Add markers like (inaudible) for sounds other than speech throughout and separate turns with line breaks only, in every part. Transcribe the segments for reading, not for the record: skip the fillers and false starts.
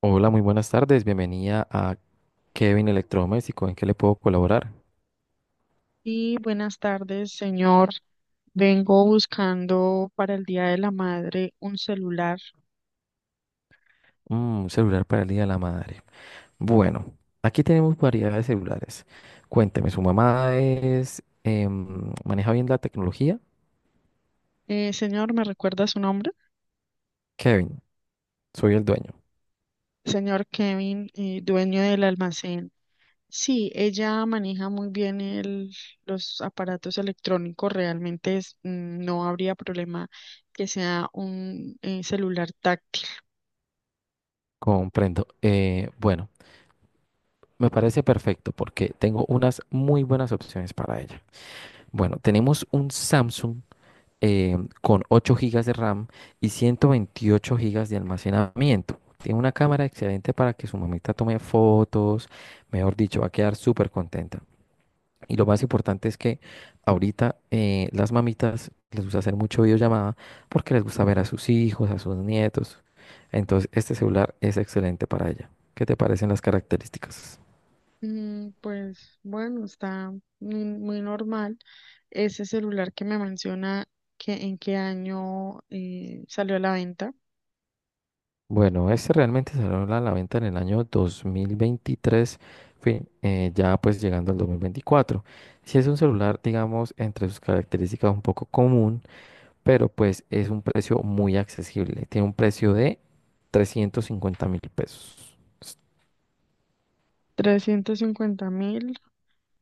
Hola, muy buenas tardes. Bienvenida a Kevin Electrodoméstico. ¿En qué le puedo colaborar?
Sí, buenas tardes, señor. Vengo buscando para el Día de la Madre un celular.
Mm, un celular para el Día de la Madre. Bueno, aquí tenemos variedad de celulares. Cuénteme, ¿su mamá es maneja bien la tecnología?
Señor, ¿me recuerda su nombre?
Kevin, soy el dueño.
Señor Kevin, dueño del almacén. Sí, ella maneja muy bien los aparatos electrónicos. Realmente no habría problema que sea un celular táctil.
Comprendo. Bueno, me parece perfecto porque tengo unas muy buenas opciones para ella. Bueno, tenemos un Samsung eh, con 8 gigas de RAM y 128 gigas de almacenamiento. Tiene una cámara excelente para que su mamita tome fotos, mejor dicho, va a quedar súper contenta. Y lo más importante es que ahorita las mamitas les gusta hacer mucho videollamada porque les gusta ver a sus hijos, a sus nietos. Entonces, este celular es excelente para ella. ¿Qué te parecen las características?
Pues bueno, está muy, muy normal. Ese celular que me menciona que en qué año salió a la venta.
Bueno, este realmente salió a la venta en el año 2023, ya pues llegando al 2024. Si es un celular, digamos, entre sus características un poco común, pero pues es un precio muy accesible. Tiene un precio de 350.000 pesos.
350.000.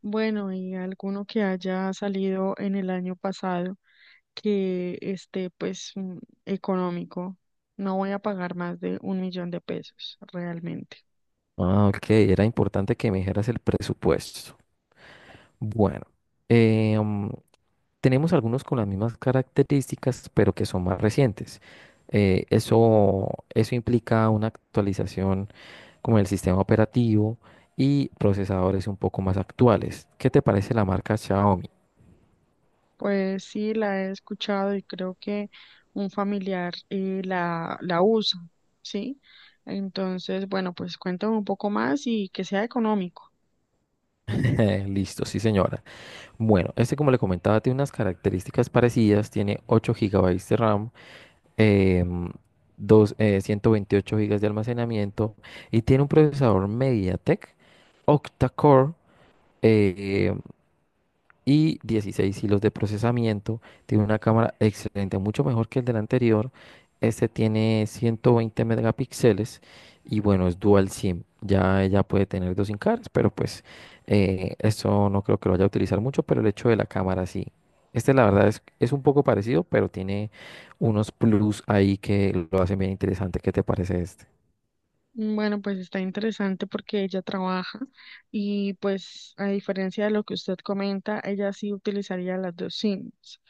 Bueno, ¿y alguno que haya salido en el año pasado que esté pues económico? No voy a pagar más de 1.000.000 de pesos realmente.
Ah, ok, era importante que me dijeras el presupuesto. Bueno, em, tenemos algunos con las mismas características, pero que son más recientes. Eh, eso, eso implica una actualización como el sistema operativo y procesadores un poco más actuales. ¿Qué te parece la marca Xiaomi?
Pues sí, la he escuchado y creo que un familiar la usa, ¿sí? Entonces, bueno, pues cuéntame un poco más y que sea económico.
(laughs) Listo, sí señora. Bueno, este como le comentaba tiene unas características parecidas, tiene 8 gigabytes de RAM, em, 128 gigas de almacenamiento y tiene un procesador MediaTek octa-core eh, y 16 hilos de procesamiento. Tiene una cámara excelente, mucho mejor que el del anterior. Este tiene 120 megapíxeles y bueno, es dual SIM. Ya ella puede tener 2 SIM cards, pero pues eso no creo que lo vaya a utilizar mucho, pero el hecho de la cámara sí. Este la verdad es un poco parecido, pero tiene unos plus ahí que lo hacen bien interesante. ¿Qué te parece este?
Bueno, pues está interesante porque ella trabaja y pues, a diferencia de lo que usted comenta, ella sí utilizaría las dos SIMs.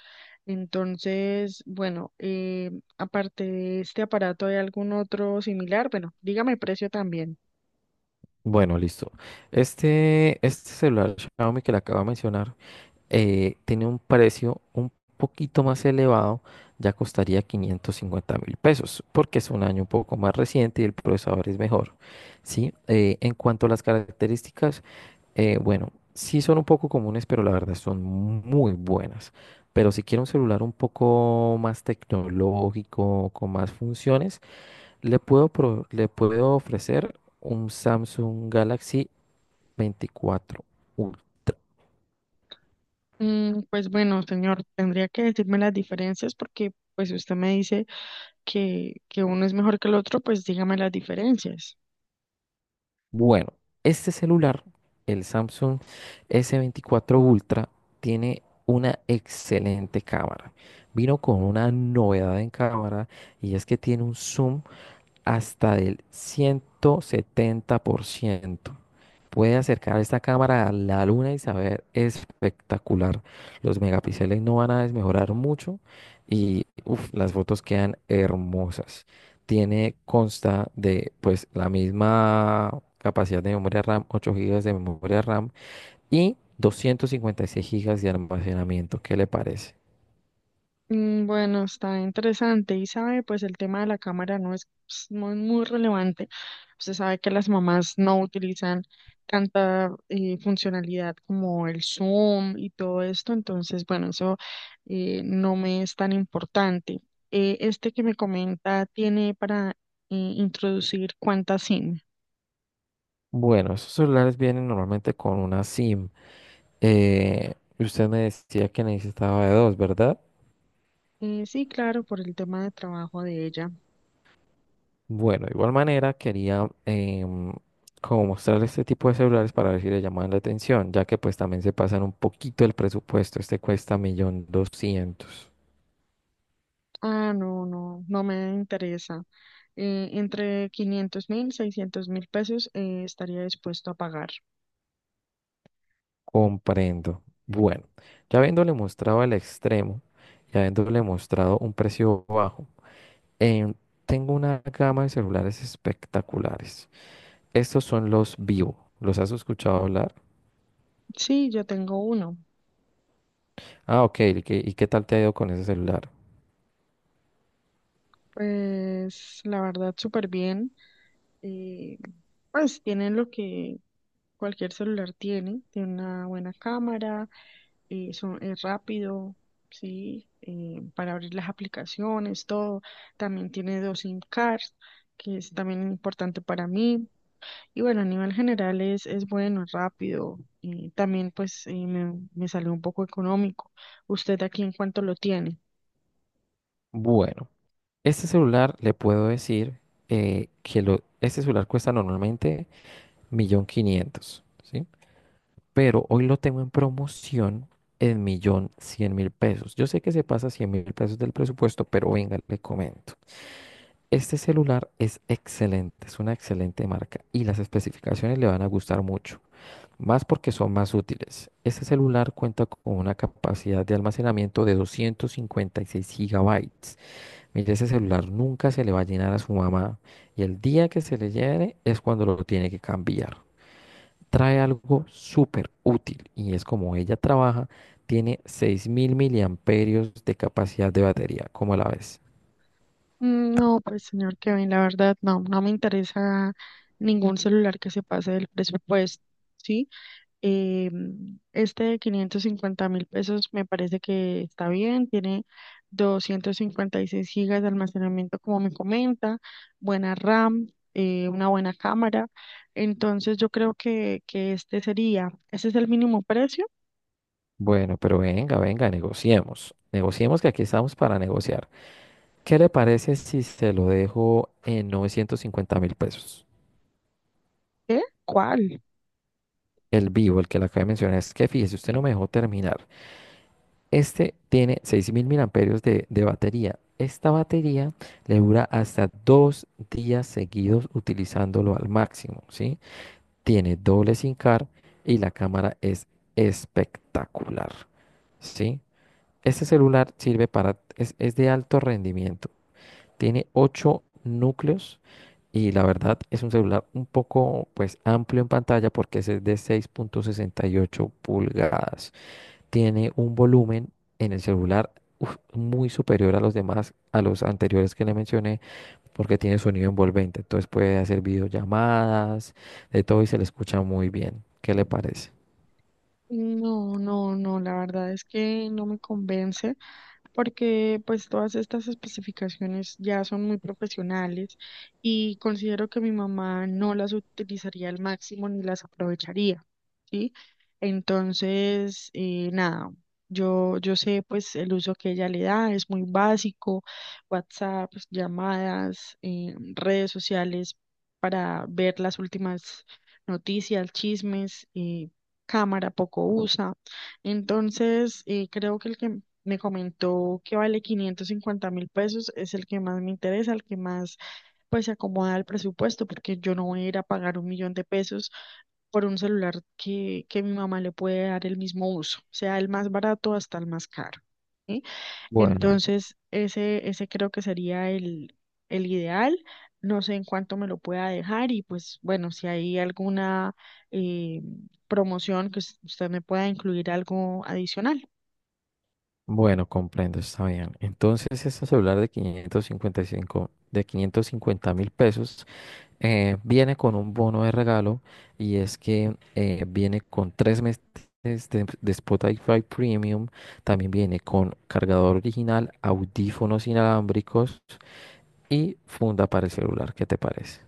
Entonces, bueno, aparte de este aparato, ¿hay algún otro similar? Bueno, dígame precio también.
Bueno, listo. Este celular Xiaomi que le acabo de mencionar tiene un precio un poquito más elevado, ya costaría 550.000 pesos, porque es un año un poco más reciente y el procesador es mejor, ¿sí? En cuanto a las características, bueno, sí son un poco comunes, pero la verdad son muy buenas. Pero si quiero un celular un poco más tecnológico, con más funciones, le puedo, le puedo ofrecer un Samsung Galaxy 24 Ultra.
Pues bueno, señor, tendría que decirme las diferencias, porque pues si usted me dice que uno es mejor que el otro, pues dígame las diferencias.
Bueno, este celular, el Samsung S24 Ultra, tiene una excelente cámara. Vino con una novedad en cámara y es que tiene un zoom hasta del 170%. Puede acercar esta cámara a la luna y saber espectacular. Los megapíxeles no van a desmejorar mucho y uf, las fotos quedan hermosas. Tiene consta de pues la misma capacidad de memoria RAM, 8 gigas de memoria RAM y 256 gigas de almacenamiento. ¿Qué le parece?
Bueno, está interesante, y sabe, pues el tema de la cámara no es pues, muy, muy relevante. Usted sabe que las mamás no utilizan tanta funcionalidad como el zoom y todo esto, entonces bueno, eso no me es tan importante. Este que me comenta, ¿tiene para introducir cuántas SIM?
Bueno, esos celulares vienen normalmente con una SIM. Usted me decía que necesitaba de dos, ¿verdad?
Sí, claro, por el tema de trabajo de ella.
Bueno, de igual manera quería como mostrarle este tipo de celulares para ver si le llaman la atención, ya que pues también se pasan un poquito el presupuesto. Este cuesta 1.200.000.
Ah, no, no, no me interesa. Entre 500.000, 600.000 pesos estaría dispuesto a pagar.
Comprendo. Bueno, ya habiéndole mostrado el extremo y habiéndole mostrado un precio bajo, em, tengo una gama de celulares espectaculares. Estos son los Vivo. ¿Los has escuchado hablar?
Sí, yo tengo uno.
Ah, ok. ¿Y qué tal te ha ido con ese celular?
Pues la verdad, súper bien. eh, pues tiene lo que cualquier celular tiene, tiene una buena cámara, es rápido, sí, para abrir las aplicaciones, todo. También tiene dos SIM cards, que es también importante para mí. Y bueno, a nivel general es bueno, es rápido y también pues me salió un poco económico. ¿Usted aquí en cuánto lo tiene?
Bueno, este celular le puedo decir este celular cuesta normalmente 1.500.000, ¿sí? Pero hoy lo tengo en promoción en 1.100.000 pesos. Yo sé que se pasa 100.000 pesos del presupuesto, pero venga, le comento. Este celular es excelente, es una excelente marca y las especificaciones le van a gustar mucho. Más porque son más útiles. Este celular cuenta con una capacidad de almacenamiento de 256 gigabytes. Mire, ese celular nunca se le va a llenar a su mamá y el día que se le llene es cuando lo tiene que cambiar. Trae algo súper útil y es como ella trabaja, tiene 6.000 miliamperios de capacidad de batería. ¿Cómo la ves?
No, pues señor Kevin, la verdad no, no me interesa ningún celular que se pase del presupuesto, ¿sí? Eh, este de 550.000 pesos me parece que está bien, tiene 256 gigas de almacenamiento, como me comenta, buena RAM, una buena cámara. Entonces yo creo que, este sería, ese es el mínimo precio.
Bueno, pero venga, negociemos. Negociemos que aquí estamos para negociar. ¿Qué le parece si se lo dejo en 950 mil pesos?
¿Qué? ¿Cuál?
El Vivo, el que le acabo de mencionar, es que fíjese, usted no me dejó terminar. Este tiene 6000 mil miliamperios de batería. Esta batería le dura hasta 2 días seguidos utilizándolo al máximo, ¿sí? Tiene doble SIM car y la cámara es espectacular, ¿sí? Este celular sirve para, es de alto rendimiento. Tiene 8 núcleos y la verdad es un celular un poco pues amplio en pantalla porque ese es de 6,68 pulgadas. Tiene un volumen en el celular uf, muy superior a los demás, a los anteriores que le mencioné, porque tiene sonido envolvente. Entonces puede hacer videollamadas, de todo y se le escucha muy bien. ¿Qué le parece?
No, no, no, la verdad es que no me convence, porque pues todas estas especificaciones ya son muy profesionales y considero que mi mamá no las utilizaría al máximo ni las aprovecharía, ¿sí? Entonces, nada, yo sé pues el uso que ella le da es muy básico: WhatsApp, llamadas, redes sociales para ver las últimas noticias, chismes, cámara, poco usa. Entonces, creo que el que me comentó que vale 550.000 pesos es el que más me interesa, el que más pues se acomoda al presupuesto, porque yo no voy a ir a pagar 1.000.000 de pesos por un celular que mi mamá le puede dar el mismo uso, sea el más barato hasta el más caro. ¿Sí?
Bueno,
Entonces, ese creo que sería el ideal. No sé en cuánto me lo pueda dejar y pues bueno, si hay alguna eh, promoción que usted me pueda incluir algo adicional.
bueno, comprendo, está bien. Entonces, este celular de 555 de 550.000 pesos viene con un bono de regalo y es que viene con 3 meses de Spotify Premium, también viene con cargador original, audífonos inalámbricos y funda para el celular. ¿Qué te parece?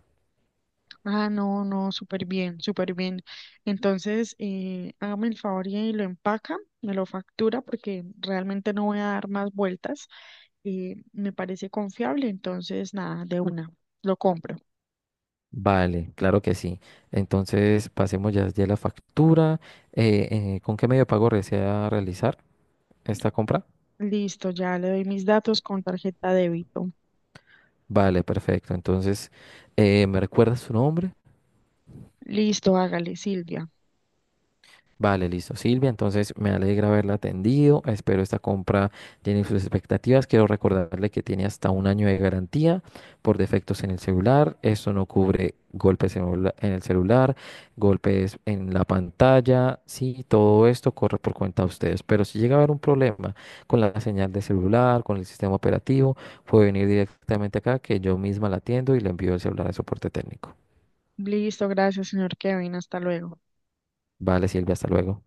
Ah, no, no, súper bien, súper bien. Entonces, hágame el favor y lo empaca, me lo factura, porque realmente no voy a dar más vueltas. Me parece confiable, entonces nada, de una, lo compro.
Vale, claro que sí. Entonces pasemos ya la factura. Eh, ¿Con qué medio de pago desea realizar esta compra?
Listo, ya le doy mis datos, con tarjeta débito.
Vale, perfecto. Entonces, ¿me recuerdas su nombre?
Listo, hágale, Silvia.
Vale, listo, Silvia. Entonces me alegra haberla atendido. Espero esta compra tiene sus expectativas. Quiero recordarle que tiene hasta 1 año de garantía por defectos en el celular. Esto no cubre golpes en en el celular, golpes en la pantalla. Sí, todo esto corre por cuenta de ustedes. Pero si llega a haber un problema con la señal de celular, con el sistema operativo, puede venir directamente acá que yo misma la atiendo y le envío el celular al soporte técnico.
Listo, gracias, señor Kevin. Hasta luego.
Vale, Silvia, hasta luego.